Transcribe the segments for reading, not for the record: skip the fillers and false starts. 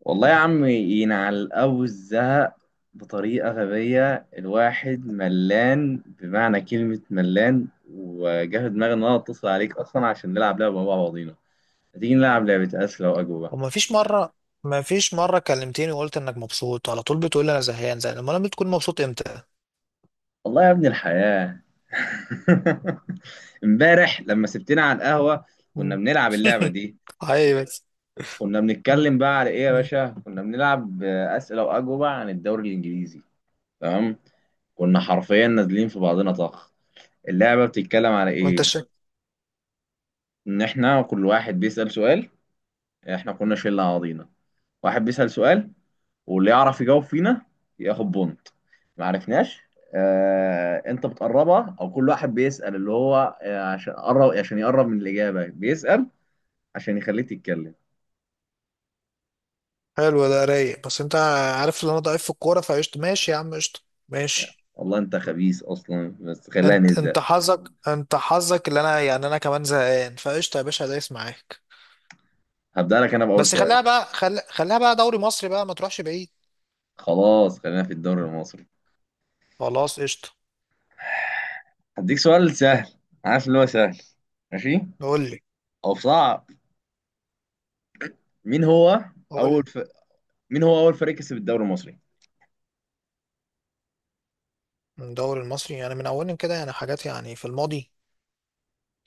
والله يا عم، ينعل أبو الزهق بطريقة غبية. الواحد ملان، بمعنى كلمة ملان. وجه دماغي إن أنا أتصل عليك أصلا عشان نلعب لعبة مع بعضينا. هتيجي نلعب لعبة أسئلة وأجوبة؟ وما فيش مرة ما فيش مرة كلمتني وقلت انك مبسوط على طول، بتقول لي انا زهقان، زهقان؟ امال لما بتكون مبسوط امتى؟ والله يا ابن الحياة. امبارح لما سبتنا على القهوة كنا مم. بنلعب اللعبة دي. عادي بس. كنا مم. بنتكلم بقى على إيه يا مم. باشا؟ كنا بنلعب أسئلة وأجوبة عن الدوري الإنجليزي. تمام. كنا حرفيا نازلين في بعضنا طخ. اللعبة بتتكلم على وانت إيه؟ شك. ان احنا كل واحد بيسأل سؤال. احنا كنا شلة على بعضينا، واحد بيسأل سؤال، واللي يعرف يجاوب فينا ياخد بونت. ما عرفناش. انت بتقربها، او كل واحد بيسأل اللي هو عشان قرب، عشان يقرب من الإجابة، بيسأل عشان يخليك تتكلم. حلو، ده رايق، بس انت عارف ان انا ضعيف في الكورة، فقشط، ماشي يا عم، قشطة ماشي. والله انت خبيث اصلا، بس خلينا انت نبدأ. انت حظك، انت حظك اللي انا، يعني انا كمان زهقان، فقشطة يا باشا، دايس معاك. هبدأ لك انا بأول بس سؤال. خليها بقى، خليها بقى دوري مصري بقى، ما تروحش بعيد. خلاص خلينا في الدوري المصري. خلاص قشطة. هديك سؤال سهل، عارف اللي هو سهل، ماشي، قول لي او صعب. مين هو قول لي. اول ف... مين هو اول فريق كسب الدوري المصري؟ الدوري المصري، يعني من اولهم كده، يعني حاجات يعني في الماضي.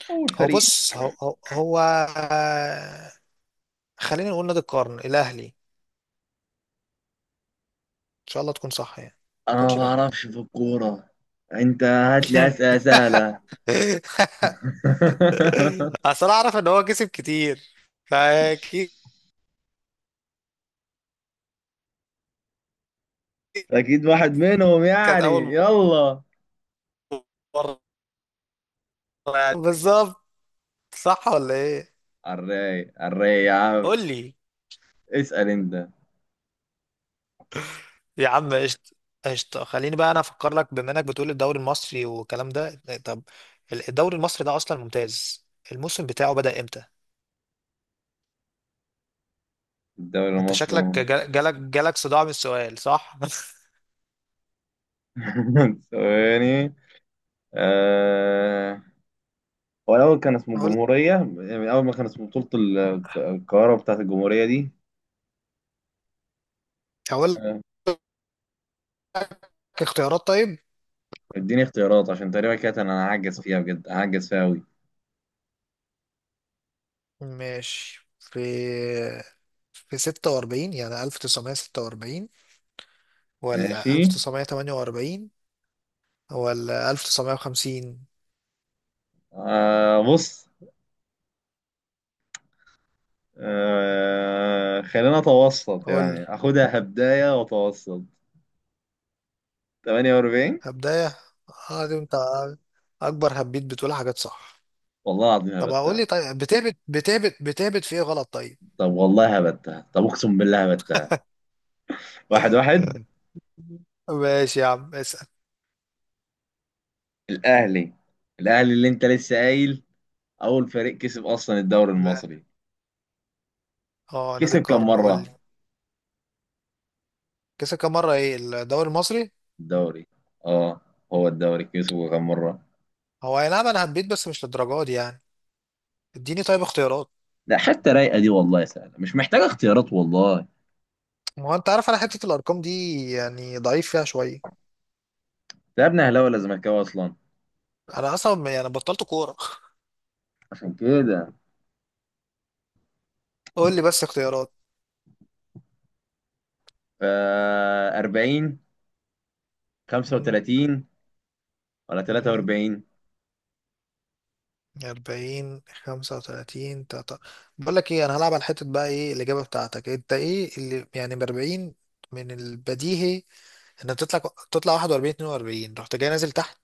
اول هو فريق. بص. هو هو, هو آه، خلينا نقول نادي القرن الاهلي، ان شاء الله تكون صح يعني. ما انا ما تكونش بهبل. بعرفش في الكورة. انت هات لي اسئلة سهلة. اصل أنا اعرف ان هو كسب كتير، فاكيد. اكيد واحد منهم كانت يعني، اول يلا. مره، يعني بالظبط، صح ولا ايه؟ الراي الراي يا عم. قول لي. اسأل انت. يا عم قشطه قشطه، خليني بقى انا افكر لك، بما انك بتقول الدوري المصري والكلام ده. طب الدوري المصري ده اصلا ممتاز، الموسم بتاعه بدأ امتى؟ الدوري انت المصري. شكلك جالك صداع من السؤال، صح؟ ثواني. آه... هو الأول كان اسمه أقول الجمهورية، يعني أول ما كان اسمه بطولة القارة بتاعت الجمهورية دي. أقول لك آه، اختيارات، طيب. اديني اختيارات عشان تقريبا كده أنا هعجز فيها، بجد هعجز فيها أوي. ماشي، في 46، يعني 1946 ولا ماشي. 1948 ولا 1950؟ بص، خلينا اتوسط، قول لي. يعني اخدها كبداية واتوسط. 48. هبداية. اه دي انت أكبر هبيت، بتقول حاجات صح. والله العظيم طب أقول لي هبتها، طيب، بتهبت في إيه غلط طيب؟ طب والله هبتها، طب اقسم بالله هبتها. واحد واحد. ماشي يا عم، اسأل. الاهلي الاهلي اللي انت لسه قايل، اول فريق كسب اصلا الدوري لا. المصري. اه، نادي كسب كم القرن، قول لي. مرة؟ كسب كام مرة ايه الدوري المصري؟ الدوري، اه، هو الدوري كسبه كم مرة؟ هو اي نعم، انا هبيت بس مش للدرجة دي يعني. اديني طيب اختيارات. لا حتى رايقة دي، والله سهلة، مش محتاجة اختيارات، والله انت. ما هو انت عارف انا حته الارقام دي يعني ضعيف فيها شويه. يا ابن اهلاوي ولا زملكاوي اصلا؟ انا اصلا يعني بطلت كوره. عشان كده. قول لي بس اختيارات. ف 40، مم، 35، ولا مم، 43؟ 40، 35، بقول لك ايه، انا هلعب على حته بقى، ايه الاجابه بتاعتك؟ انت ايه اللي يعني ب 40؟ من البديهي ان تطلع 41، 42، رحت جاي نازل تحت.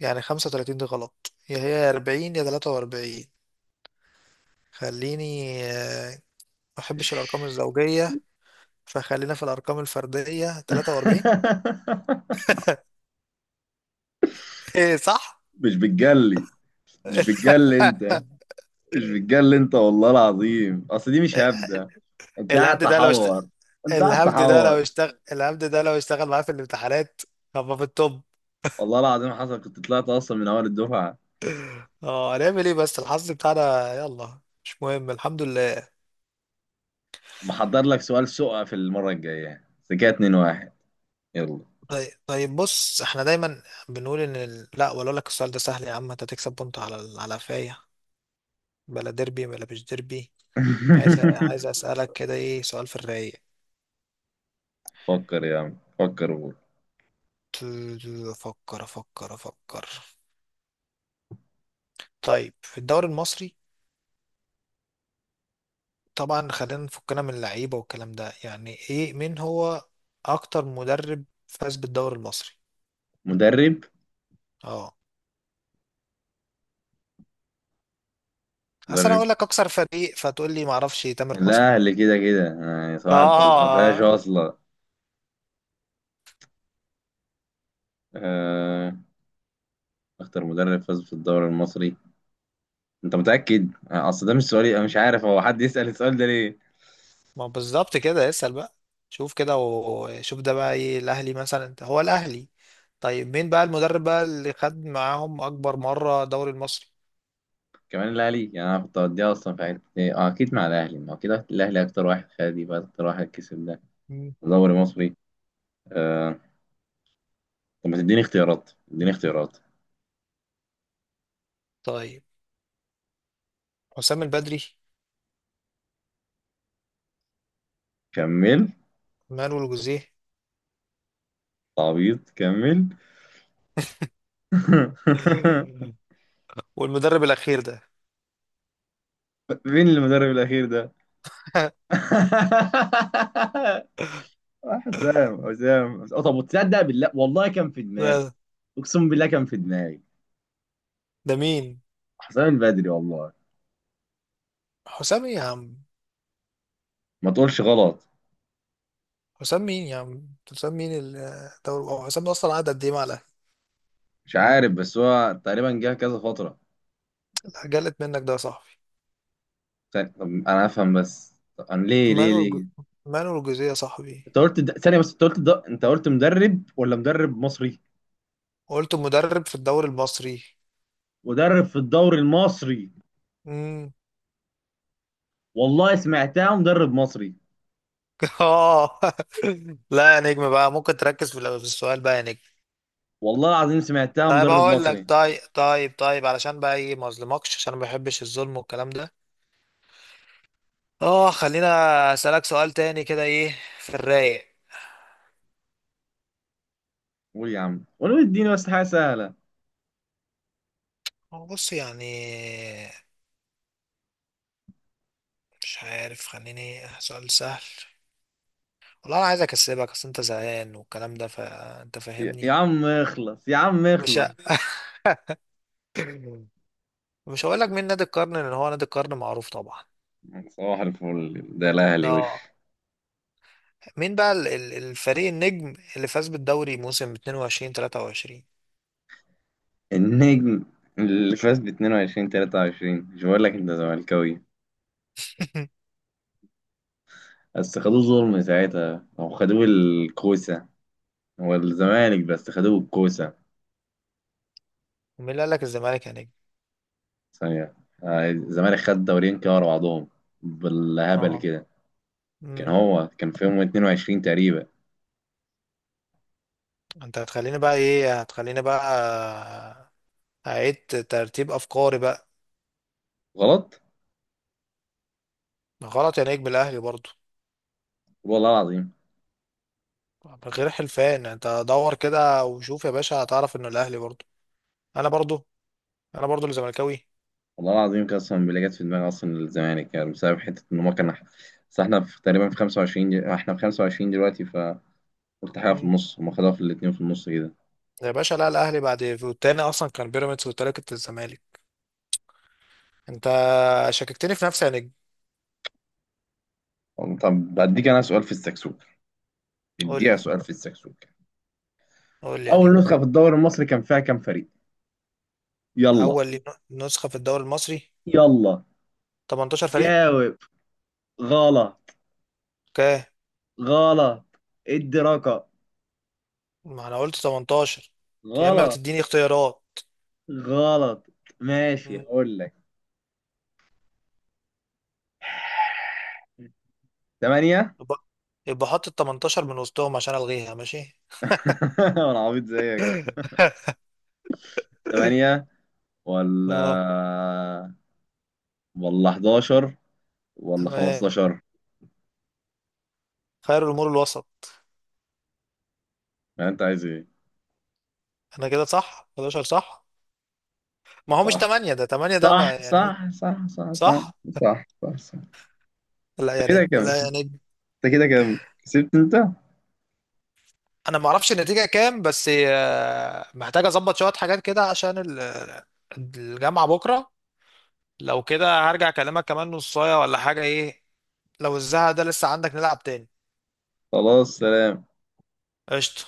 يعني 35 دي غلط، يا هي يا 40 يا 43. خليني ما بحبش الارقام الزوجيه، فخلينا في الارقام الفرديه: 43. ايه، صح. مش بتجلي، مش بتجلي انت، مش بتجلي انت والله العظيم، اصل دي مش هبدة. انت قاعد الهبد ده لو اشت... تحور، انت قاعد الهبد ده لو تحور. اشتغل الهبد ده لو اشتغل معاه في الامتحانات، هبقى في التوب. والله العظيم حصل، كنت طلعت اصلا من اول الدفعة. اه، هنعمل ايه، بس الحظ بتاعنا، يلا مش مهم، الحمد لله. محضر لك سؤال سوء في المرة الجاية، بس كده 2-1. يلا. طيب طيب، بص احنا دايما بنقول ان لا، ولا اقول لك، السؤال ده سهل يا عم، انت تكسب بونت على على فاية. بلا ديربي بلا مش ديربي. عايز اسالك كده ايه سؤال في الرايق. فكر يا عم فكر، قول. افكر افكر افكر. طيب في الدوري المصري، طبعا خلينا نفكنا من اللعيبة والكلام ده، يعني ايه مين هو اكتر مدرب فاز بالدوري المصري؟ مدرب، اه. اصل انا مدرب. اقول لك اكثر فريق فتقول لي معرفش تامر حسني. الاهلي كده كده يعني، صباح الفل، ما فيهاش اه. اصلا. آه، اكتر مدرب فاز في الدوري المصري. انت متأكد؟ اصل ده مش سؤالي، انا مش عارف هو حد يسأل السؤال ده ليه. ما بالظبط كده، اسأل بقى. شوف كده وشوف ده بقى، ايه، الاهلي مثلا، انت هو الاهلي. طيب مين بقى المدرب بقى اللي خد معاهم اكبر مرة دوري المصري؟ كمان الاهلي، يعني انا كنت هوديها اصلا في حته ايه، اه اكيد مع الاهلي، ما هو كده، الاهلي اكتر واحد خد دي، بقى اكتر واحد كسب ده مم. دوري مصري. آه. طب ما تديني اختيارات، اديني اختيارات. طيب، حسام البدري، كمل. مانويل جوزيه. عبيط، كمل. والمدرب الاخير ده. مين المدرب الاخير ده؟ حسام، حسام، اه. طب وتصدق بالله، والله كان في دماغي، ده اقسم بالله كان في دماغي، ده مين؟ حسام البدري والله. حسام ايه يا عم؟ ما تقولش غلط. حسام مين الدوري؟ هو حسام ده اصلا قعد قد ايه مع الاهلي؟ مش عارف، بس هو تقريبا جه كذا فترة. لا، جلت منك ده يا صاحبي. ثانية، طب أنا أفهم، بس طب أنا ليه ليه مانويل جو... ليه؟ مانويل جوزيه يا صاحبي. ثانية بس، أنت قلت مدرب ولا مدرب مصري؟ وقلت مدرب في الدوري المصري. مدرب في الدوري المصري. امم. والله سمعتها مدرب مصري. اه. لا يا نجم بقى، ممكن تركز في في السؤال بقى يا نجم؟ والله العظيم سمعتها طيب مدرب هقول لك، مصري. طيب علشان بقى ايه، ما اظلمكش، عشان ما بحبش الظلم والكلام ده. اه خلينا اسالك سؤال تاني كده، ايه في الرايق. قول يا عم قول، اديني بس حاجة سهلة. هو بص يعني، مش عارف، خليني سؤال سهل. والله انا عايز اكسبك، اصل انت زهقان والكلام ده، فانت يا فاهمني. عم اخلص، يا عم مش ه... اخلص. مش هقول لك مين نادي القرن، لان هو نادي القرن معروف طبعا. صباح الفل، ده الأهلي وش. اه، مين بقى الفريق النجم اللي فاز بالدوري موسم 22 23؟ النجم اللي فاز ب 22 23؟ مش بقول لك أنت زملكاوي؟ بس خدوه ظلم ساعتها، او خدوه الكوسه. هو الزمالك بس خدوه الكوسه. ومين اللي قال لك الزمالك يا نجم؟ ثانيه. آه، الزمالك خد دورين كده ورا بعضهم، بالهبل اه. كده. امم كان في يوم 22 تقريبا. انت هتخليني بقى ايه، هتخليني بقى اعيد ترتيب افكاري بقى. غلط. غلط يا نجم، الاهلي برضو. والله العظيم. من غير حلفان، انت دور كده وشوف يا باشا، هتعرف انه الاهلي برضو. انا برضو انا برضو اللي زملكاوي. والله العظيم قسما بالله، جت في دماغي اصلا الزمالك، يعني بسبب حته ان هم كان. بس احنا في تقريبا في 25، دي احنا في 25 دلوقتي، فقلت حاجه في النص، هم خدوها في الاتنين في النص كده. يا باشا لا، الاهلي بعد فوتاني اصلا كان بيراميدز، والتاني كنت الزمالك. انت شككتني في نفسي يا نجم. طب بديك انا سؤال في السكسوكه، قول اديها لي سؤال في السكسوكه. قول لي يا اول نجم. نسخه في الدوري المصري كان فيها كام فريق؟ يلا، اول لي- نسخه في الدوري المصري. يلا، 18 فريق. جاوب. غلط. اوكي. غلط، ادي رقم. ما انا قلت 18. يا اما غلط. تديني اختيارات. غلط، ماشي مم. اقول لك، ثمانية. يبقى يبقى حط ال 18 من وسطهم عشان الغيها، ماشي. انا عبيط زيك. ثمانية، اه، ولا ولا 11، ولا تمام، 15؟ خير الامور الوسط. يعني انت عايز ايه؟ انا كده صح، 11 صح. ما هو مش صح، 8، ده 8 ده صح، ما يعني ايه. صح، صح، صح، صح، صح. صح، صح، صح. لا يا انت كده نجم، كام، لا يا نجم. انت كده كام؟ كسبت انت؟ انا ما اعرفش النتيجه كام، بس محتاج اظبط شويه حاجات كده، عشان الجامعه بكره. لو كده هرجع اكلمك كمان نصايه ولا حاجه، ايه؟ لو الزهق ده لسه عندك نلعب تاني. خلاص، سلام. قشطه.